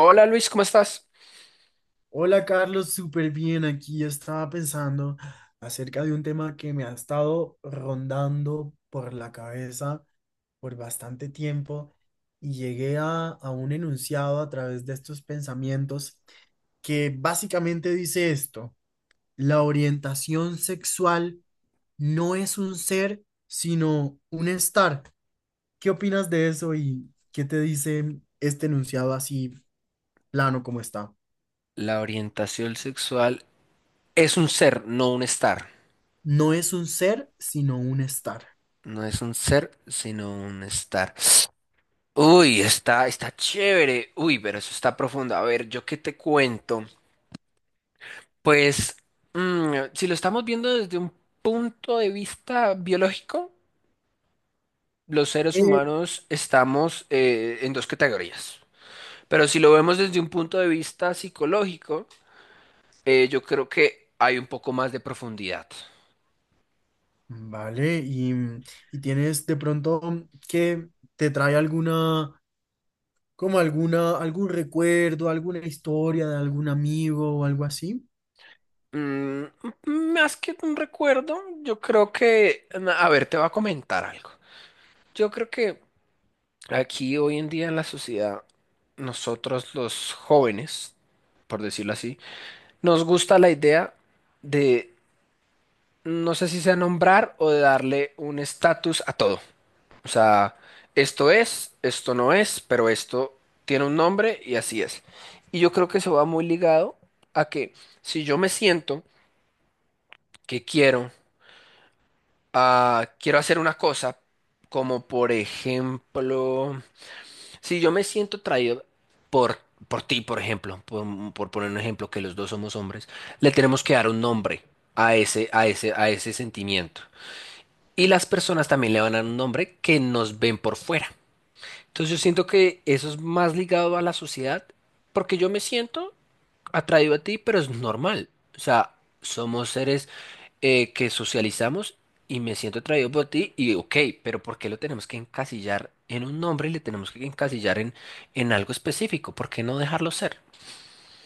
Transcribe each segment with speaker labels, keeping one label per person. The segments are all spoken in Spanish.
Speaker 1: Hola Luis, ¿cómo estás?
Speaker 2: Hola Carlos, súper bien aquí. Estaba pensando acerca de un tema que me ha estado rondando por la cabeza por bastante tiempo y llegué a un enunciado a través de estos pensamientos que básicamente dice esto, la orientación sexual no es un ser, sino un estar. ¿Qué opinas de eso y qué te dice este enunciado así plano como está?
Speaker 1: La orientación sexual es un ser, no un estar.
Speaker 2: No es un ser, sino un estar.
Speaker 1: No es un ser, sino un estar. Uy, está chévere. Uy, pero eso está profundo. A ver, ¿yo qué te cuento? Pues, si lo estamos viendo desde un punto de vista biológico, los seres
Speaker 2: Eh,
Speaker 1: humanos estamos en dos categorías. Pero si lo vemos desde un punto de vista psicológico, yo creo que hay un poco más de profundidad.
Speaker 2: Vale, y tienes de pronto que te trae alguna, algún recuerdo, alguna historia de algún amigo o algo así.
Speaker 1: Mm, más que un recuerdo, yo creo que, a ver, te voy a comentar algo. Yo creo que aquí hoy en día en la sociedad, nosotros los jóvenes, por decirlo así, nos gusta la idea de, no sé si sea nombrar o de darle un estatus a todo. O sea, esto es, esto no es, pero esto tiene un nombre y así es. Y yo creo que eso va muy ligado a que si yo me siento que quiero quiero hacer una cosa, como por ejemplo, si yo me siento atraído por, por ti, por ejemplo, por poner un ejemplo, que los dos somos hombres, le tenemos que dar un nombre a ese sentimiento. Y las personas también le van a dar un nombre que nos ven por fuera. Entonces yo siento que eso es más ligado a la sociedad, porque yo me siento atraído a ti, pero es normal. O sea, somos seres que socializamos y me siento atraído por ti y ok, pero ¿por qué lo tenemos que encasillar en un nombre y le tenemos que encasillar en algo específico? ¿Por qué no dejarlo ser?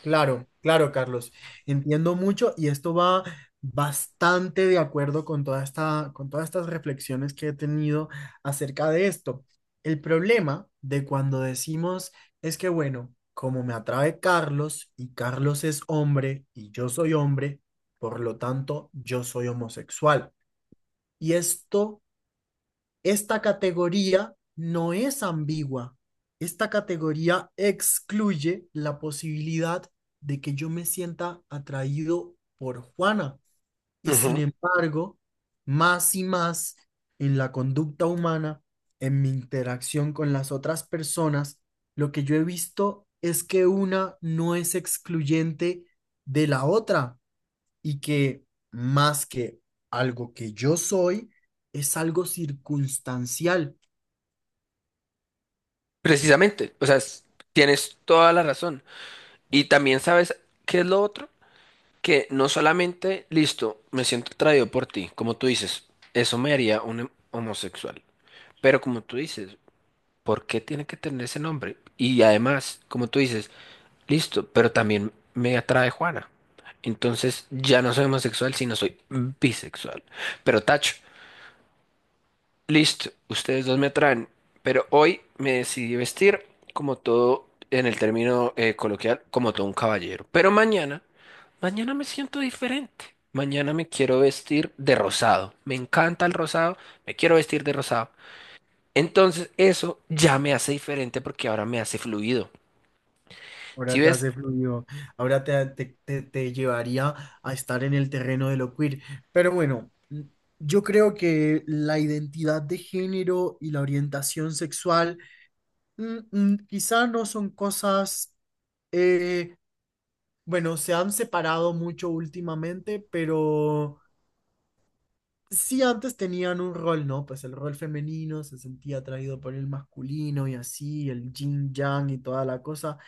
Speaker 2: Claro, claro, Carlos. Entiendo mucho y esto va bastante de acuerdo con toda con todas estas reflexiones que he tenido acerca de esto. El problema de cuando decimos es que, bueno, como me atrae Carlos y Carlos es hombre y yo soy hombre, por lo tanto, yo soy homosexual. Y esto esta categoría no es ambigua. Esta categoría excluye la posibilidad de que yo me sienta atraído por Juana. Y sin
Speaker 1: Ujú.
Speaker 2: embargo, más y más en la conducta humana, en mi interacción con las otras personas, lo que yo he visto es que una no es excluyente de la otra y que más que algo que yo soy, es algo circunstancial.
Speaker 1: Precisamente, o sea, tienes toda la razón. Y también sabes qué es lo otro, que no solamente, listo, me siento atraído por ti, como tú dices, eso me haría un homosexual. Pero como tú dices, ¿por qué tiene que tener ese nombre? Y además, como tú dices, listo, pero también me atrae Juana. Entonces ya no soy homosexual, sino soy bisexual. Pero tacho, listo, ustedes dos me atraen. Pero hoy me decidí vestir como todo, en el término coloquial, como todo un caballero. Pero mañana, mañana me siento diferente. Mañana me quiero vestir de rosado. Me encanta el rosado, me quiero vestir de rosado. Entonces eso ya me hace diferente porque ahora me hace fluido.
Speaker 2: Ahora
Speaker 1: Si
Speaker 2: te
Speaker 1: ves,
Speaker 2: hace fluido, ahora te llevaría a estar en el terreno de lo queer. Pero bueno, yo creo que la identidad de género y la orientación sexual quizá no son cosas, eh, bueno, se han separado mucho últimamente, pero sí antes tenían un rol, ¿no? Pues el rol femenino se sentía atraído por el masculino y así, el yin yang y toda la cosa.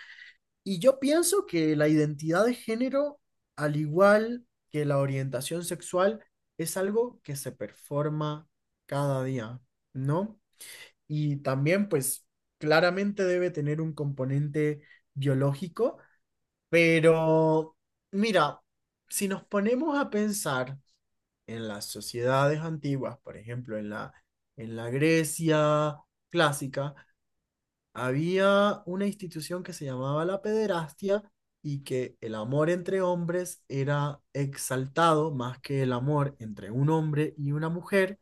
Speaker 2: Y yo pienso que la identidad de género, al igual que la orientación sexual, es algo que se performa cada día, ¿no? Y también, pues, claramente debe tener un componente biológico, pero mira, si nos ponemos a pensar en las sociedades antiguas, por ejemplo, en la Grecia clásica, había una institución que se llamaba la pederastia y que el amor entre hombres era exaltado más que el amor entre un hombre y una mujer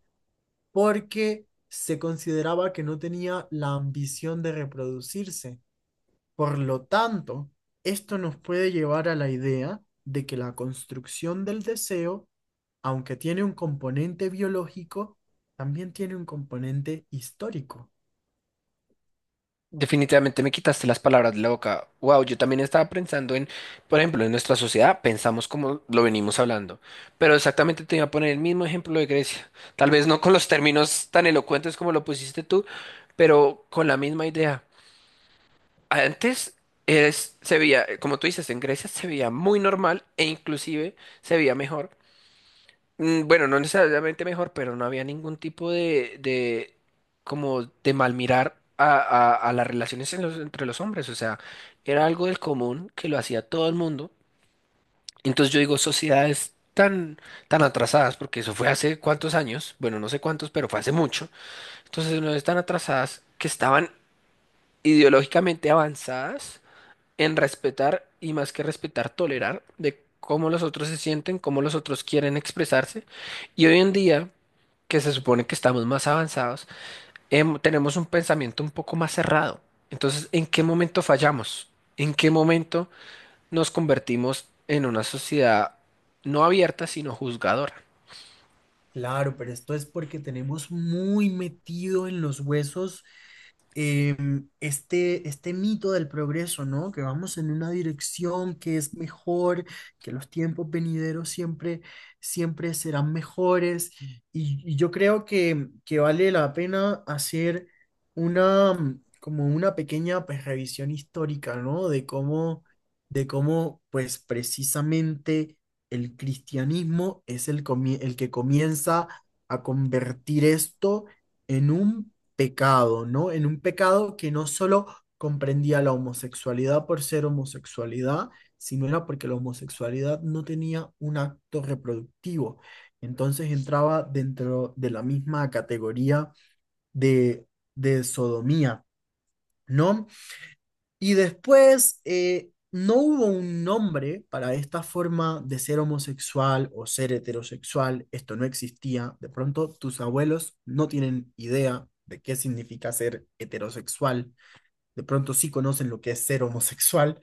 Speaker 2: porque se consideraba que no tenía la ambición de reproducirse. Por lo tanto, esto nos puede llevar a la idea de que la construcción del deseo, aunque tiene un componente biológico, también tiene un componente histórico.
Speaker 1: definitivamente me quitaste las palabras de la boca. Wow, yo también estaba pensando en, por ejemplo, en nuestra sociedad pensamos como lo venimos hablando, pero exactamente te iba a poner el mismo ejemplo de Grecia. Tal vez no con los términos tan elocuentes como lo pusiste tú, pero con la misma idea. Antes se veía, como tú dices, en Grecia se veía muy normal e inclusive se veía mejor. Bueno, no necesariamente mejor, pero no había ningún tipo de como de mal mirar a las relaciones en entre los hombres. O sea, era algo del común que lo hacía todo el mundo. Entonces yo digo, tan atrasadas, porque eso fue hace cuántos años, bueno, no sé cuántos, pero fue hace mucho. Entonces no están atrasadas que estaban ideológicamente avanzadas en respetar y más que respetar, tolerar de cómo los otros se sienten, cómo los otros quieren expresarse. Y hoy en día, que se supone que estamos más avanzados, tenemos un pensamiento un poco más cerrado. Entonces, ¿en qué momento fallamos? ¿En qué momento nos convertimos en una sociedad no abierta, sino juzgadora?
Speaker 2: Claro, pero esto es porque tenemos muy metido en los huesos este mito del progreso, ¿no? Que vamos en una dirección que es mejor, que los tiempos venideros siempre, siempre serán mejores. Y yo creo que vale la pena hacer una, mm, como una pequeña pues, revisión histórica, ¿no? De cómo, pues precisamente el cristianismo es el que comienza a convertir esto en un pecado, ¿no? En un pecado que no solo comprendía la homosexualidad por ser homosexualidad, sino era porque la homosexualidad no tenía un acto reproductivo. Entonces entraba dentro de la misma categoría de, de sodomía, ¿no? Y después no hubo un nombre para esta forma de ser homosexual o ser heterosexual, esto no existía. De pronto tus abuelos no tienen idea de qué significa ser heterosexual, de pronto sí conocen lo que es ser homosexual,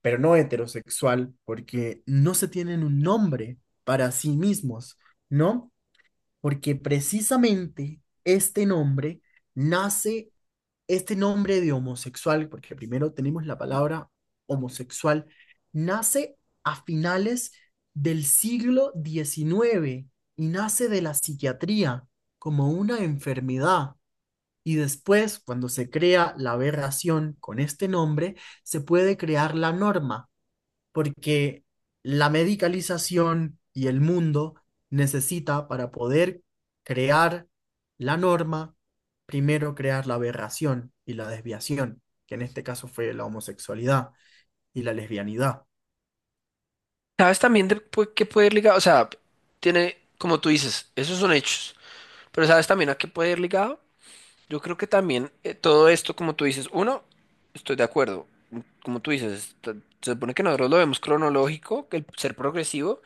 Speaker 2: pero no heterosexual, porque no se tienen un nombre para sí mismos, ¿no? Porque precisamente este nombre nace este nombre de homosexual, porque primero tenemos la palabra homosexual, nace a finales del siglo XIX y nace de la psiquiatría como una enfermedad. Y después, cuando se crea la aberración con este nombre, se puede crear la norma porque la medicalización y el mundo necesita para poder crear la norma, primero crear la aberración y la desviación, que en este caso fue la homosexualidad y la lesbianidad.
Speaker 1: ¿Sabes también de qué puede ir ligado? O sea, tiene, como tú dices, esos son hechos, pero ¿sabes también a qué puede ir ligado? Yo creo que también todo esto, como tú dices, uno, estoy de acuerdo. Como tú dices, se supone que nosotros lo vemos cronológico, que el ser progresivo,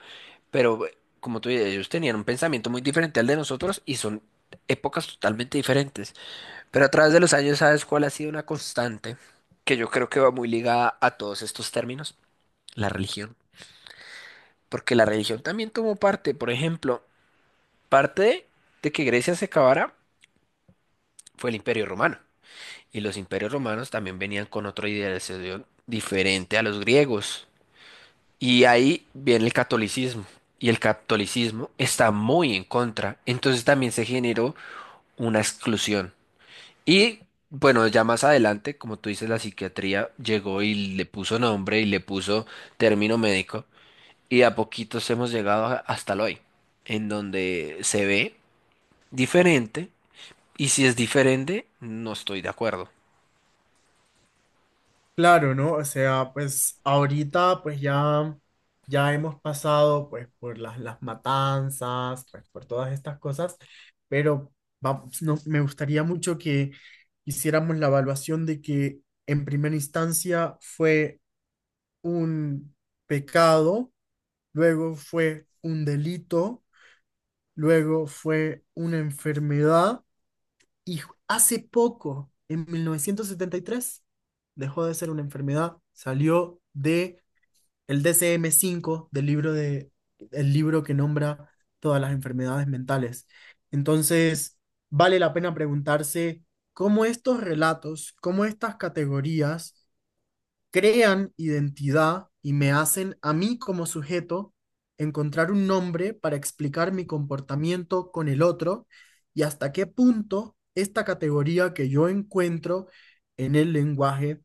Speaker 1: pero como tú dices, ellos tenían un pensamiento muy diferente al de nosotros y son épocas totalmente diferentes. Pero a través de los años, ¿sabes cuál ha sido una constante? Que yo creo que va muy ligada a todos estos términos, la religión. Porque la religión también tomó parte, por ejemplo, parte de que Grecia se acabara fue el Imperio Romano. Y los imperios romanos también venían con otra idealización diferente a los griegos. Y ahí viene el catolicismo. Y el catolicismo está muy en contra. Entonces también se generó una exclusión. Y bueno, ya más adelante, como tú dices, la psiquiatría llegó y le puso nombre y le puso término médico. Y de a poquitos hemos llegado hasta el hoy, en donde se ve diferente. Y si es diferente, no estoy de acuerdo.
Speaker 2: Claro, ¿no? O sea, pues ahorita pues ya hemos pasado pues por las matanzas, pues por todas estas cosas, pero vamos, no, me gustaría mucho que hiciéramos la evaluación de que en primera instancia fue un pecado, luego fue un delito, luego fue una enfermedad y hace poco, en 1973 dejó de ser una enfermedad, salió de el DSM-5 del libro de el libro que nombra todas las enfermedades mentales. Entonces, vale la pena preguntarse cómo estos relatos, cómo estas categorías crean identidad y me hacen a mí como sujeto encontrar un nombre para explicar mi comportamiento con el otro y hasta qué punto esta categoría que yo encuentro en el lenguaje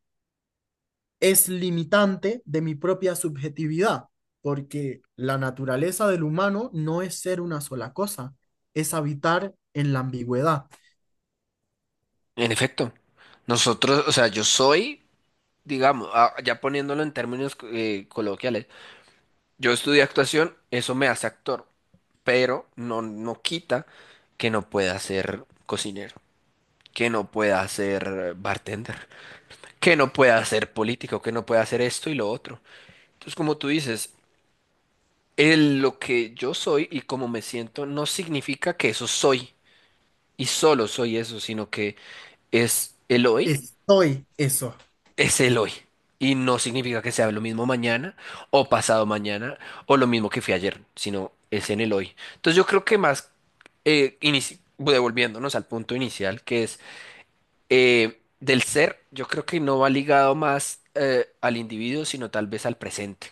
Speaker 2: es limitante de mi propia subjetividad, porque la naturaleza del humano no es ser una sola cosa, es habitar en la ambigüedad.
Speaker 1: En efecto, nosotros, o sea, yo soy, digamos, ah, ya poniéndolo en términos coloquiales, yo estudié actuación, eso me hace actor, pero no, no quita que no pueda ser cocinero, que no pueda ser bartender, que no pueda ser político, que no pueda hacer esto y lo otro. Entonces, como tú dices, lo que yo soy y como me siento no significa que eso soy y solo soy eso, sino que es el hoy
Speaker 2: Estoy eso.
Speaker 1: es el hoy. Y no significa que sea lo mismo mañana o pasado mañana o lo mismo que fue ayer, sino es en el hoy. Entonces yo creo que más, devolviéndonos al punto inicial, que es del ser, yo creo que no va ligado más al individuo, sino tal vez al presente.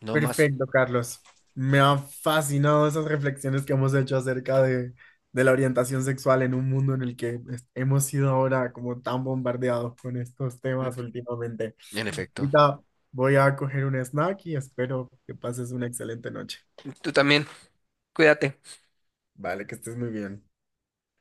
Speaker 1: No más.
Speaker 2: Perfecto, Carlos. Me han fascinado esas reflexiones que hemos hecho acerca de la orientación sexual en un mundo en el que hemos sido ahora como tan bombardeados con estos temas últimamente.
Speaker 1: En efecto.
Speaker 2: Ahorita voy a coger un snack y espero que pases una excelente noche.
Speaker 1: Tú también, cuídate.
Speaker 2: Vale, que estés muy bien.